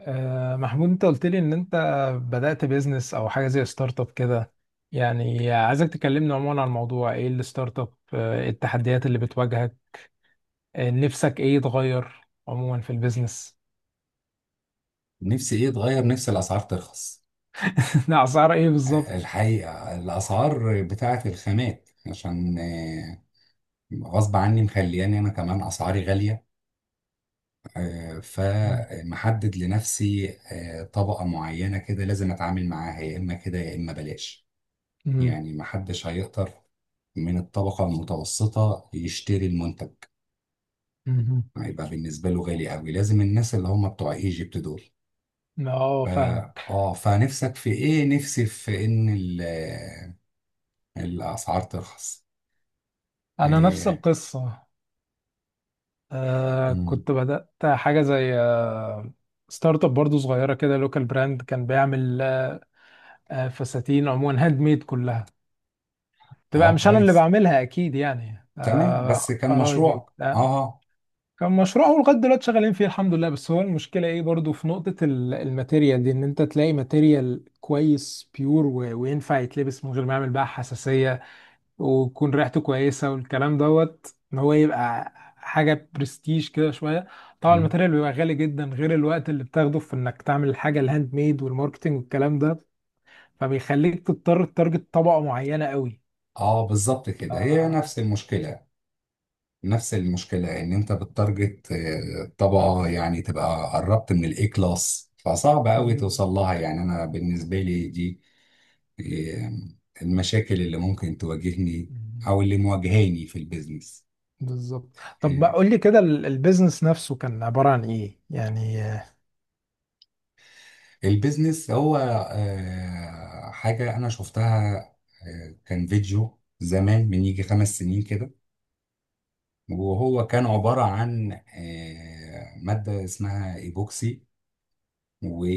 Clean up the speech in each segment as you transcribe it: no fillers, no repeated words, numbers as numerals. محمود، انت قلت لي ان انت بدأت بيزنس او حاجه زي ستارت اب كده. يعني عايزك تكلمني عموما عن الموضوع، ايه الستارت اب، إيه التحديات اللي بتواجهك، نفسك ايه يتغير عموما في البيزنس؟ نفسي ايه اتغير؟ نفسي الاسعار ترخص. اسعار ايه بالظبط؟ الحقيقه الاسعار بتاعه الخامات، عشان غصب عني مخلياني انا كمان اسعاري غاليه. مم. فمحدد لنفسي طبقه معينه كده، لازم اتعامل معاها يا اما كده يا اما بلاش. يعني محدش هيقدر من الطبقه المتوسطه يشتري المنتج، مم. هيبقى بالنسبه له غالي قوي، لازم الناس اللي هم بتوع ايجيبت دول. مم. اه، ف- فاهم. اه، فنفسك في ايه؟ نفسي في ان الأسعار ترخص. انا نفس إيه. القصه. مم. كنت بدأت حاجه زي ستارت اب برضو، صغيره كده، لوكال براند كان بيعمل فساتين، عموما هاند ميد كلها، تبقى اه، مش انا اللي كويس. بعملها اكيد يعني، تمام، بس كان قرايبي مشروع اه وبتاع. آه. كان مشروع هو لغايه دلوقتي شغالين فيه الحمد لله، بس هو المشكله ايه برضو في نقطه الماتيريال دي، ان انت تلاقي ماتيريال كويس بيور وينفع يتلبس من غير ما يعمل بقى حساسيه، ويكون ريحته كويسه والكلام دوت، ان هو يبقى حاجه برستيج كده شويه. طبعا مم. الماتيريال بيبقى غالي جدا، غير الوقت اللي بتاخده في انك تعمل الحاجه الهاند ميد والماركتنج والكلام ده، فبيخليك تضطر تتارجت طبقه معينه قوي. اه، بالظبط كده، هي آه، نفس المشكلة. إن أنت بتتارجت طبقة، يعني تبقى قربت من الإي كلاس، فصعب أوي توصل لها. يعني أنا بالنسبة لي دي آه، المشاكل اللي ممكن تواجهني مم. أو اللي مواجهاني في البيزنس. بالظبط. طب ما قول لي كده البيزنس نفسه كان عبارة عن ايه يعني؟ البيزنس هو حاجة أنا شفتها. كان فيديو زمان من يجي 5 سنين كده، وهو كان عبارة عن مادة اسمها إيبوكسي.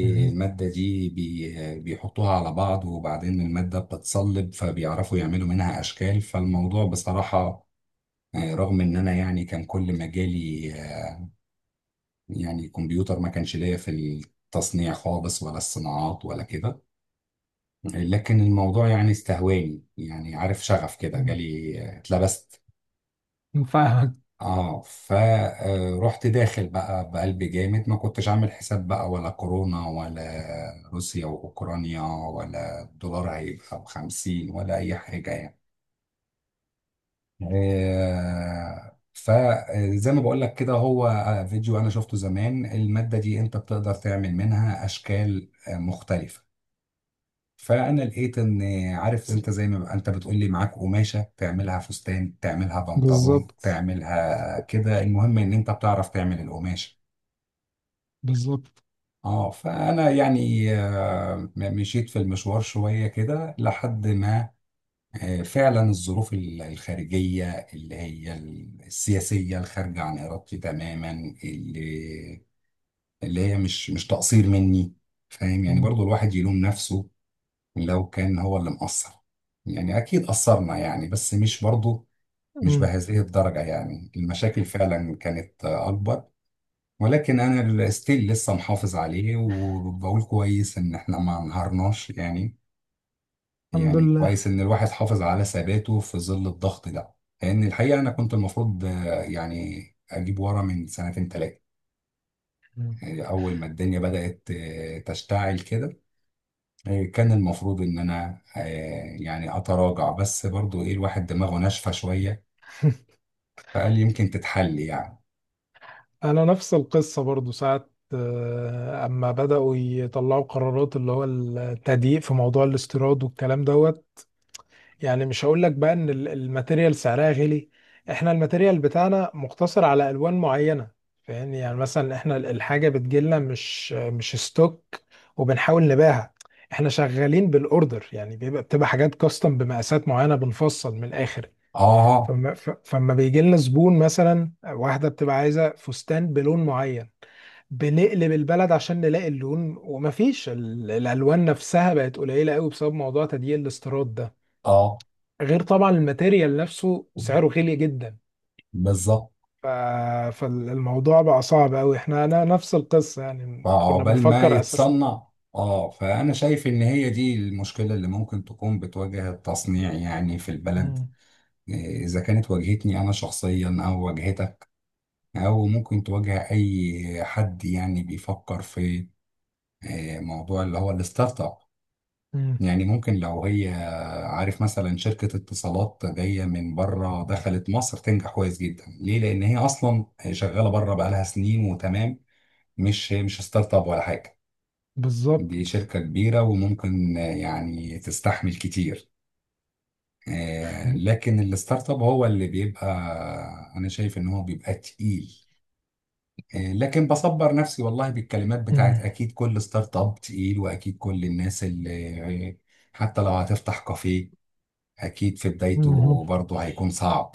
مهم. دي بيحطوها على بعض، وبعدين المادة بتتصلب، فبيعرفوا يعملوا منها أشكال. فالموضوع بصراحة، رغم إن أنا يعني كان كل مجالي يعني كمبيوتر، ما كانش ليا في التصنيع خالص ولا الصناعات ولا كده. لكن الموضوع يعني استهواني، يعني عارف، شغف كده جالي، اتلبست. مم. فاهمك. اه، فرحت داخل بقى بقلب جامد، ما كنتش عامل حساب بقى ولا كورونا، ولا روسيا واوكرانيا، ولا الدولار هيبقى بـ50، ولا اي حاجة يعني. فزي ما بقول لك كده، هو فيديو انا شفته زمان، المادة دي انت بتقدر تعمل منها اشكال مختلفة. فانا لقيت ان، عارف انت، زي ما بقى انت بتقول لي معاك قماشه تعملها فستان، تعملها بنطلون، بالظبط. تعملها كده، المهم ان انت بتعرف تعمل القماشه. بالظبط. اه، فانا يعني مشيت في المشوار شويه كده، لحد ما فعلا الظروف الخارجيه اللي هي السياسيه، الخارجه عن ارادتي تماما، اللي اللي هي مش تقصير مني. فاهم، يعني مم. برضو الواحد يلوم نفسه لو كان هو اللي مقصر. يعني أكيد قصرنا يعني، بس مش برضه مش مم. بهذه الدرجة. يعني المشاكل فعلا كانت أكبر. ولكن أنا ستيل لسه محافظ عليه، وبقول كويس إن إحنا ما انهارناش يعني الحمد يعني لله. كويس إن الواحد حافظ على ثباته في ظل الضغط ده. لأن الحقيقة أنا كنت المفروض، يعني أجيب ورا من سنتين تلاتة. مم. أول ما الدنيا بدأت تشتعل كده، إيه، كان المفروض ان انا يعني اتراجع، بس برضو ايه، الواحد دماغه ناشفه شويه فقال يمكن تتحل يعني. انا نفس القصة برضو، ساعة اما بدأوا يطلعوا قرارات، اللي هو التضييق في موضوع الاستيراد والكلام دوت. يعني مش هقول لك بقى ان الماتيريال سعرها غالي، احنا الماتيريال بتاعنا مقتصر على الوان معينه. فاهمني يعني، مثلا احنا الحاجه بتجيلنا مش ستوك وبنحاول نبيعها، احنا شغالين بالاوردر. يعني بتبقى حاجات كاستم بمقاسات معينه بنفصل من الاخر. اه فما بيجي لنا زبون، مثلا واحده بتبقى عايزه فستان بلون معين، بنقلب البلد عشان نلاقي اللون، ومفيش الالوان نفسها بقت قليله قوي بسبب موضوع تديين الاستيراد ده، اه، غير طبعا الماتيريال نفسه سعره غالي جدا. بالظبط. ف... فالموضوع بقى صعب قوي، انا نفس القصة يعني، كنا فعقبال ما بنفكر اساسا. يتصنع. اه، فانا شايف ان هي دي المشكله اللي ممكن تكون بتواجه التصنيع يعني في البلد. مم. إيه، اذا كانت واجهتني انا شخصيا او واجهتك، او ممكن تواجه اي حد يعني بيفكر في موضوع اللي هو الستارت اب. مم. يعني ممكن لو هي، عارف، مثلا شركة اتصالات جاية من بره، دخلت مصر تنجح كويس جدا ليه؟ لأن هي أصلا شغالة بره بقالها سنين وتمام، مش ستارت اب ولا حاجة. دي بالظبط. شركة كبيرة، وممكن يعني تستحمل كتير. مم. لكن الستارت اب هو اللي بيبقى، أنا شايف إن هو بيبقى تقيل. لكن بصبر نفسي والله بالكلمات بتاعت أكيد كل ستارت اب تقيل، وأكيد كل الناس اللي حتى لو هتفتح كافيه، أكيد في مم. بدايته برضه هيكون صعب.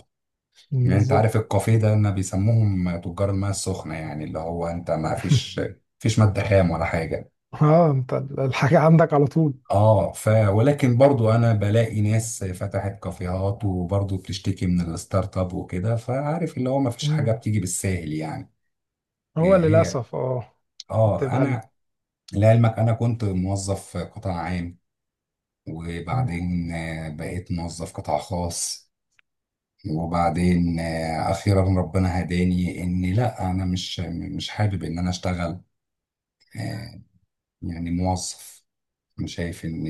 يعني انت بالظبط. عارف الكافيه ده ان بيسموهم تجار الماء السخنه، يعني اللي هو انت ما فيش فيش ماده خام ولا حاجه. اه، انت الحاجة عندك على طول. اه، ولكن برضو انا بلاقي ناس فتحت كافيهات وبرضو بتشتكي من الستارت اب وكده. فعارف اللي هو ما فيش حاجه مم. بتيجي بالساهل يعني. هو هي هي، للأسف اه. اه، بتبقى انا لعلمك انا كنت موظف قطاع عام، مم. وبعدين بقيت موظف قطاع خاص. وبعدين اخيرا ربنا هداني ان لا، انا مش حابب ان انا اشتغل يعني موظف. انا شايف ان،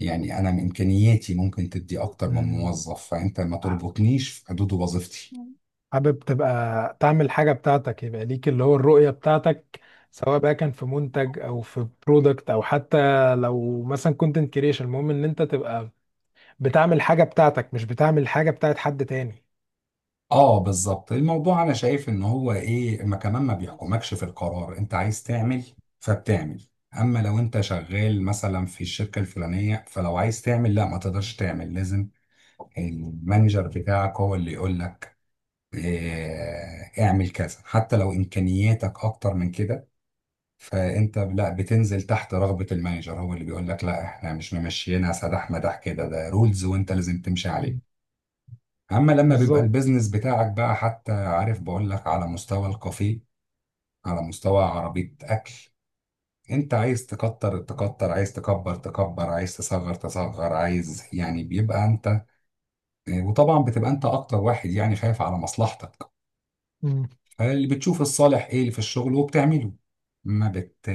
يعني انا من امكانياتي ممكن تدي اكتر من مم. موظف، فانت ما تربطنيش في حدود وظيفتي. مم. حابب تبقى تعمل حاجة بتاعتك، يبقى ليك اللي هو الرؤية بتاعتك، سواء بقى كان في منتج او في برودكت، او حتى لو مثلا كونتنت كريشن. المهم ان انت تبقى بتعمل حاجة بتاعتك، مش بتعمل حاجة بتاعت حد تاني. اه، بالظبط. الموضوع انا شايف ان هو ايه، ما كمان ما مم. بيحكمكش في القرار انت عايز تعمل فبتعمل. اما لو انت شغال مثلا في الشركه الفلانيه، فلو عايز تعمل، لا ما تقدرش تعمل، لازم المانجر بتاعك هو اللي يقول لك إيه، اعمل كذا حتى لو امكانياتك اكتر من كده. فانت لا بتنزل تحت رغبة المانجر، هو اللي بيقول لك لا احنا مش ممشيينها سداح مداح كده، ده رولز وانت لازم تمشي عليه. اما لما بيبقى بالظبط. البيزنس بتاعك بقى، حتى عارف بقول لك على مستوى الكافيه، على مستوى عربية اكل، انت عايز تكتر تكتر، عايز تكبر تكبر، عايز تصغر تصغر، عايز يعني بيبقى انت. وطبعا بتبقى انت اكتر واحد يعني خايف على مصلحتك، مم. فاللي بتشوف الصالح ايه اللي في الشغل وبتعمله. ما بت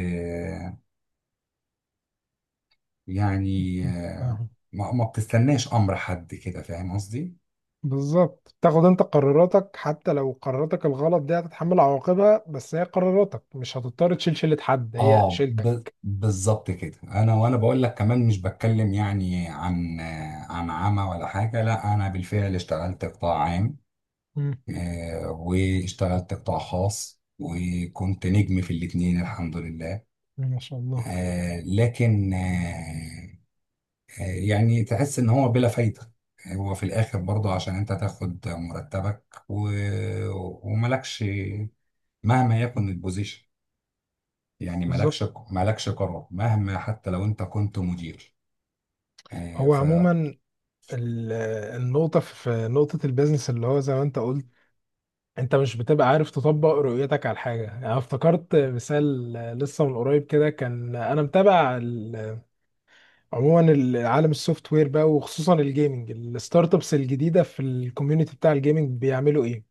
يعني، فاهم. ما بتستناش امر حد كده، فاهم قصدي. بالظبط، تاخد انت قراراتك، حتى لو قراراتك الغلط دي هتتحمل عواقبها، بس هي قراراتك، مش هتضطر تشيل شيلة حد، هي اه، شيلتك. بالظبط كده. انا بقول لك كمان، مش بتكلم يعني عن عن عمى ولا حاجه، لا انا بالفعل اشتغلت قطاع عام. مم. واشتغلت قطاع خاص، وكنت نجم في الاتنين الحمد لله. ما شاء الله. لكن يعني تحس ان هو بلا فايده. هو في الاخر برضه عشان انت تاخد مرتبك وملكش، مهما مم. يكن البوزيشن. يعني بالظبط. مالكش قرار، مهما حتى لو انت كنت مدير. آه، هو ف عموما ال- النقطة في نقطة البيزنس اللي هو زي ما انت قلت، انت مش بتبقى عارف تطبق رؤيتك على حاجة. يعني أنا افتكرت مثال لسه من قريب كده، كان انا متابع عموما عالم السوفت وير بقى، وخصوصا الجيمنج، الستارت ابس الجديدة في الكوميونتي بتاع الجيمنج بيعملوا ايه.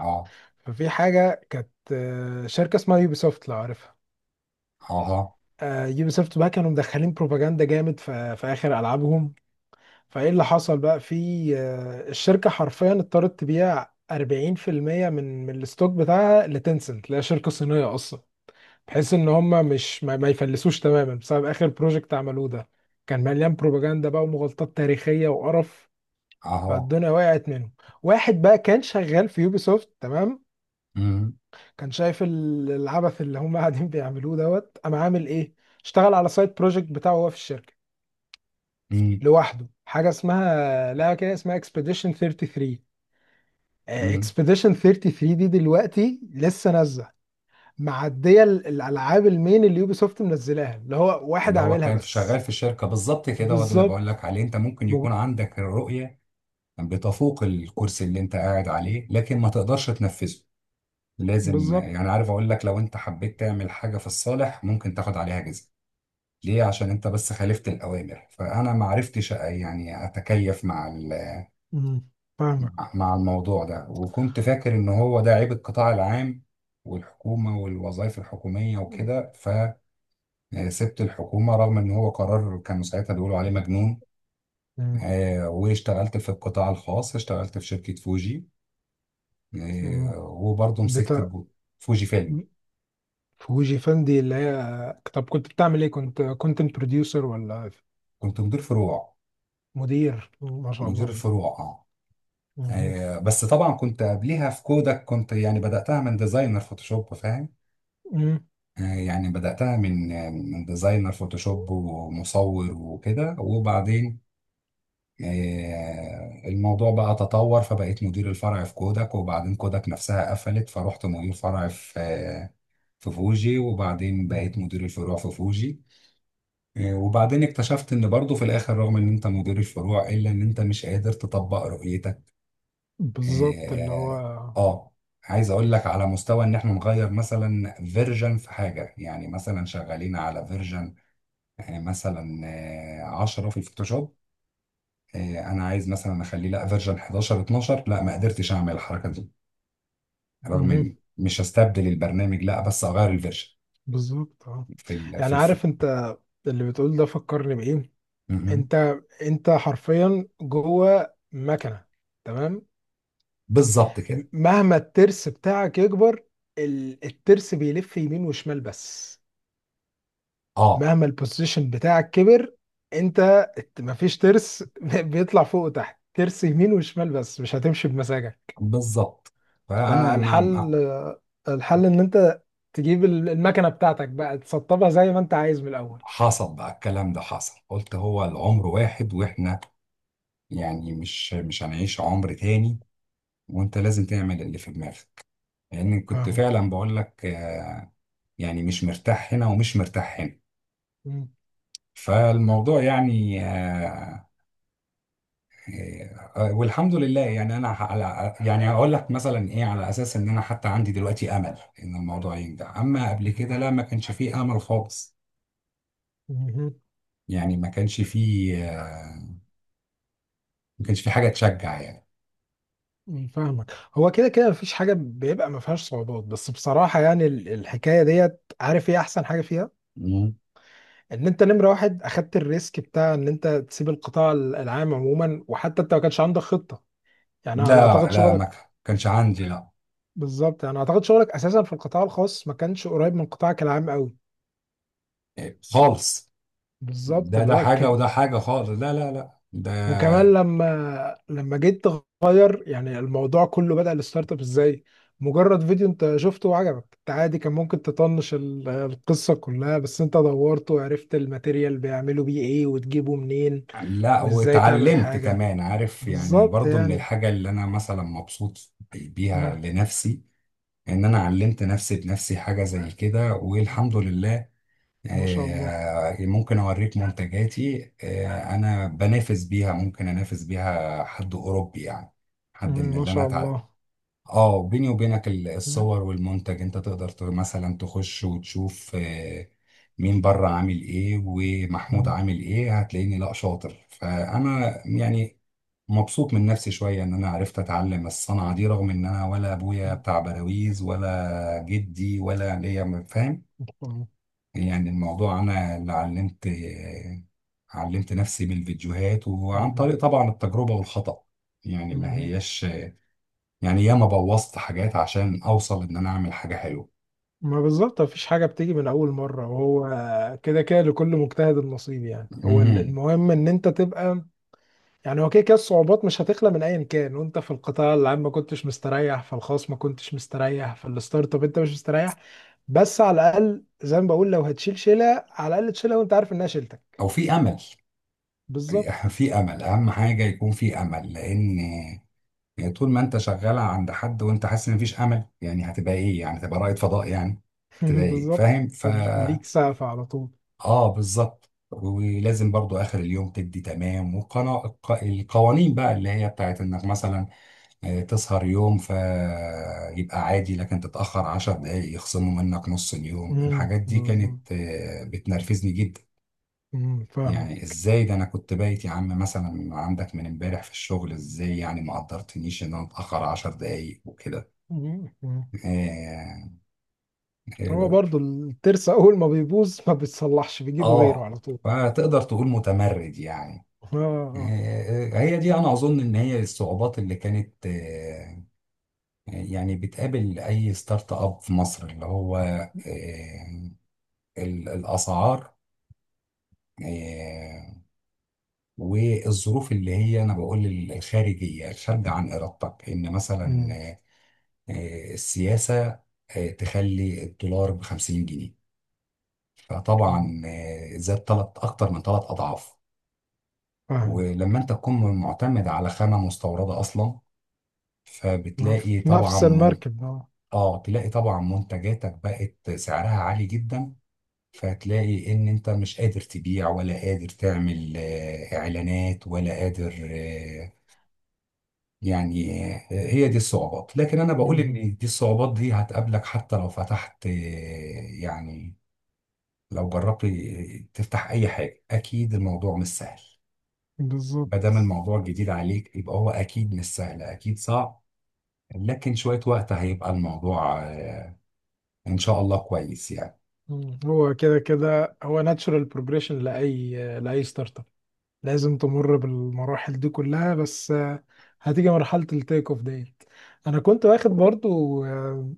اه ففي حاجة كانت شركة اسمها يوبي سوفت، لو عارفها. اه يوبي سوفت بقى كانوا مدخلين بروباجندا جامد في اخر العابهم. فايه اللي حصل بقى في، الشركه حرفيا اضطرت تبيع 40% من الستوك بتاعها لتنسنت اللي هي شركه صينيه اصلا، بحيث ان هم مش ما, ما يفلسوش تماما بسبب اخر بروجكت عملوه ده، كان مليان بروباجندا بقى ومغالطات تاريخيه وقرف. اه. فالدنيا وقعت منهم. واحد بقى كان شغال في يوبيسوفت تمام، مم. كان شايف العبث اللي هم قاعدين بيعملوه دوت، قام عامل ايه، اشتغل على سايد بروجكت بتاعه هو في الشركه مم. لوحده، حاجه اسمها، لا كده، اسمها اكسبيديشن 33. مم. اكسبediشن 33 دي دلوقتي لسه نازله، معديه الالعاب المين اللي يوبي سوفت منزلاها، اللي هو واحد اللي هو عاملها كان في شغال بس. في الشركه، بالظبط كده، هو ده اللي بالظبط. بقول لك عليه. انت ممكن ب- يكون عندك الرؤيه بتفوق الكرسي اللي انت قاعد عليه، لكن ما تقدرش تنفذه. لازم يعني، بالظبط. عارف، اقول لك لو انت حبيت تعمل حاجه في الصالح ممكن تاخد عليها جزء. ليه؟ عشان انت بس خالفت الاوامر. فانا ما عرفتش يعني اتكيف مع مم. فاهمك. مع الموضوع ده، وكنت فاكر ان هو ده عيب القطاع العام والحكومة والوظائف الحكومية وكده. فسبت الحكومة، رغم ان هو قرار كانوا ساعتها بيقولوا عليه مجنون. مم. واشتغلت في القطاع الخاص، اشتغلت في شركة فوجي. مم. وبرضه مسكت بتاع. فوجي فيلم. فوجي فان دي اللي هي، طب كنت بتعمل ايه؟ كنت كونتنت بروديوسر ولا؟ كنت مدير فروع. مدير، ما شاء مدير الله. الفروع، اه. مم. بس طبعا كنت قبليها في كودك، كنت يعني بدأتها من ديزاينر فوتوشوب، فاهم. مم. يعني بدأتها من ديزاينر فوتوشوب ومصور وكده، وبعدين الموضوع بقى تطور، فبقيت مدير الفرع في كوداك. وبعدين كوداك نفسها قفلت، فروحت مدير فرع في فوجي، وبعدين بقيت مم. مدير الفروع في فوجي. وبعدين اكتشفت ان برضه في الاخر، رغم ان انت مدير الفروع، الا ان انت مش قادر تطبق رؤيتك. بالظبط، اللي هو. اه آه. عايز اقول لك على مستوى ان احنا نغير مثلا فيرجن في حاجه، يعني مثلا شغالين على فيرجن مثلا 10 في الفوتوشوب. انا عايز مثلا اخليه، لا فيرجن 11، 12، لا ما قدرتش اعمل الحركه دي، رغم مم. ان مش هستبدل البرنامج لا، بس اغير الفيرجن بالظبط اه. في ال في يعني الف... عارف انت، اللي بتقول ده فكرني بايه، مهم. انت حرفيا جوه مكنه. تمام. بالظبط كده. مهما الترس بتاعك يكبر، الترس بيلف يمين وشمال بس. اه، مهما البوزيشن بتاعك كبر، انت مفيش ترس بيطلع فوق وتحت، ترس يمين وشمال بس، مش هتمشي بمزاجك. بالظبط. فانا مع. فالحل ان انت تجيب المكنه بتاعتك بقى، تسطبها زي ما انت عايز من الاول. حصل بقى الكلام ده، حصل، قلت هو العمر واحد، واحنا يعني مش هنعيش عمر تاني، وانت لازم تعمل اللي في دماغك. لان كنت فاهمه. فعلا بقول لك، يعني مش مرتاح هنا ومش مرتاح هنا. مم. فالموضوع يعني والحمد لله. يعني انا على، يعني هقول لك مثلا ايه، على اساس ان انا حتى عندي دلوقتي امل ان الموضوع ينجح. اما قبل كده مهم. لا، ما كانش فيه امل خالص. مهم. يعني ما كانش فيه حاجه تشجع يعني. مم. فاهمك. هو كده كده مفيش حاجة بيبقى ما فيهاش صعوبات، بس بصراحة يعني الحكاية ديت، عارف ايه أحسن حاجة فيها؟ مم. إن أنت نمرة واحد أخدت الريسك بتاع إن أنت تسيب القطاع العام عموما، وحتى أنت ما كانش عندك خطة. يعني أنا لا، أعتقد لا، شغلك، ما كانش عندي، لا. بالظبط، يعني أعتقد شغلك أساسا في القطاع الخاص ما كانش قريب من قطاعك العام قوي. إيه، خالص. بالظبط، ده اللي ده هو حاجه كان. وده حاجه خالص. لا، لا، لا، ده. وكمان لما جيت تغير يعني، الموضوع كله بدأ الستارت اب ازاي، مجرد فيديو انت شفته وعجبك انت، عادي كان ممكن تطنش القصة كلها، بس انت دورت وعرفت الماتيريال بيعملوا بيه ايه وتجيبه منين، لا، وازاي تعمل واتعلمت حاجة. كمان، عارف، يعني بالظبط برضو من يعني. الحاجه اللي انا مثلا مبسوط بيها مم. لنفسي، ان انا علمت نفسي بنفسي حاجه زي كده والحمد لله. ما شاء الله. ممكن اوريك منتجاتي، انا بنافس بيها، ممكن انافس بيها حد اوروبي يعني، حد مم. من ما اللي انا شاء تع... الله. اه، بيني وبينك، مم. الصور والمنتج انت تقدر، مثلا تخش وتشوف، مين بره عامل ايه ومحمود مم. عامل ايه، هتلاقيني لا شاطر. فانا يعني مبسوط من نفسي شوية إن أنا عرفت أتعلم الصنعة دي، رغم إن أنا ولا أبويا بتاع بلاويز ولا جدي ولا ليا، فاهم. مم. يعني الموضوع أنا اللي علمت نفسي بالفيديوهات، وعن طريق طبعا التجربة والخطأ. يعني ما مم. هياش، يعني ياما بوظت حاجات عشان أوصل إن أنا أعمل حاجة حلوة. ما بالظبط، مفيش حاجة بتيجي من أول مرة، وهو كده كده لكل مجتهد النصيب. يعني هو مهم. المهم إن أنت تبقى. يعني هو كده كده الصعوبات مش هتخلى من أيا كان، وأنت في القطاع العام ما كنتش مستريح، في الخاص ما كنتش مستريح، في الستارت اب أنت مش مستريح، بس على الأقل زي ما بقول، لو هتشيل شيلة على الأقل تشيلها وأنت عارف إنها شيلتك. أو في أمل. بالظبط. في أمل، أهم حاجة يكون في أمل، لأن يعني طول ما انت شغال عند حد وانت حاسس ان مفيش امل، يعني هتبقى ايه يعني، هتبقى رائد فضاء يعني، هتبقى ايه، بالظبط. فاهم. ليك سقف على طول. اه، بالظبط. ولازم برضو اخر اليوم تدي تمام، والقوانين بقى اللي هي بتاعت انك مثلا تسهر يوم فيبقى عادي، لكن تتأخر 10 دقايق يخصموا منك نص اليوم. الحاجات دي بالظبط. كانت بتنرفزني جدا. يعني فاهمك. ازاي ده، انا كنت بايت يا عم مثلا عندك من امبارح في الشغل، ازاي يعني ما قدرتنيش ان انا اتأخر 10 دقايق وكده. اه. هو آه، برضو الترس اول ما بيبوظ ما بيتصلحش بيجيبوا غيره آه. على طول. فتقدر تقول متمرد يعني. اه. آه. هي دي، انا اظن ان هي الصعوبات اللي كانت، يعني بتقابل اي ستارت اب في مصر، اللي هو آه، الاسعار، آه، والظروف اللي هي انا بقول الخارجيه، الخارجه عن ارادتك، ان مثلا مم. السياسه تخلي الدولار ب 50 جنيه، مم. فطبعا زاد ثلاث، اكتر من ثلاث اضعاف. فاهمك. ولما انت تكون معتمد على خامة مستوردة اصلا، ما فبتلاقي في طبعا نفس من... المركب اه. اه، تلاقي طبعا منتجاتك بقت سعرها عالي جدا، فتلاقي ان انت مش قادر تبيع، ولا قادر تعمل اعلانات، ولا قادر يعني هي دي الصعوبات. لكن انا بقول مهم. ان دي الصعوبات دي هتقابلك حتى لو فتحت، يعني لو جربت تفتح اي حاجة، اكيد الموضوع مش سهل. ما دام بالظبط. الموضوع جديد عليك، يبقى هو اكيد مش سهل، اكيد صعب. لكن شوية وقت هيبقى الموضوع إن شاء الله كويس يعني. مم. هو كده كده هو ناتشورال بروجريشن لاي ستارت اب، لازم تمر بالمراحل دي كلها، بس هتيجي مرحله التيك اوف ديت. انا كنت واخد برضو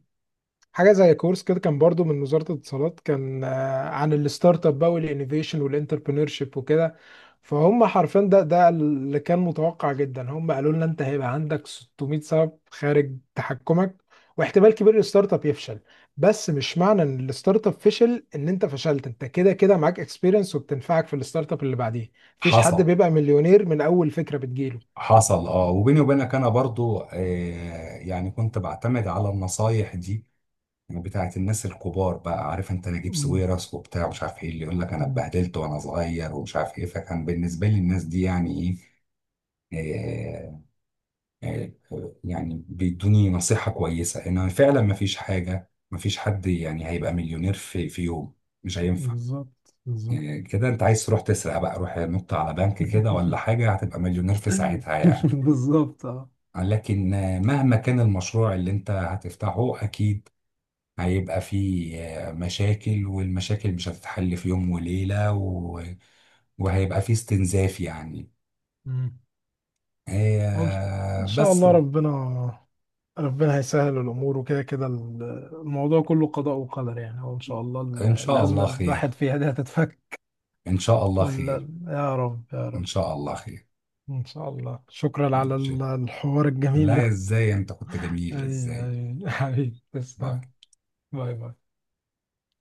حاجه زي كورس كده، كان برضو من وزاره الاتصالات، كان عن الستارت اب بقى والانوفيشن والانتربرينور شيب وكده. فهم حرفيا ده اللي كان متوقع جدا، هم قالوا لنا انت هيبقى عندك 600 سبب خارج تحكمك، واحتمال كبير الستارت اب يفشل. بس مش معنى ان الستارت اب فشل ان انت فشلت، انت كده كده معاك اكسبيرينس وبتنفعك في الستارت اب اللي بعديه، مفيش حد حصل بيبقى مليونير من اول فكره بتجيله. حصل اه، وبيني وبينك أنا برضو، يعني كنت بعتمد على النصايح دي بتاعت الناس الكبار بقى، عارف انت، نجيب مم. ساويرس وبتاع مش عارف ايه، اللي يقول لك انا مم. اتبهدلت وانا صغير ومش عارف ايه. فكان بالنسبه لي الناس دي يعني ايه، آه، يعني بيدوني نصيحه كويسه ان فعلا ما فيش حاجه، ما فيش حد يعني هيبقى مليونير في يوم، مش هينفع. بالظبط. بالظبط. إيه كده، انت عايز تروح تسرق بقى؟ روح نط على بنك كده ولا حاجة، هتبقى مليونير في ساعتها يعني. بالظبط لكن مهما كان المشروع اللي انت هتفتحه، اكيد هيبقى فيه مشاكل، والمشاكل مش هتتحل في يوم وليلة وهيبقى فيه استنزاف يعني. اه. إن إن شاء بس، الله ربنا هيسهل الأمور، وكده كده الموضوع كله قضاء وقدر، يعني هو إن شاء الله ان شاء الأزمة الله اللي خير. الواحد فيها دي هتتفك. ان شاء الله ولا خير. يا رب، يا ان رب. شاء الله خير. إن شاء الله. شكرا على الحوار الجميل لا، ده. ازاي، انت كنت جميل، أي. ازاي. أي حبيبي باي. تسلم. باي باي.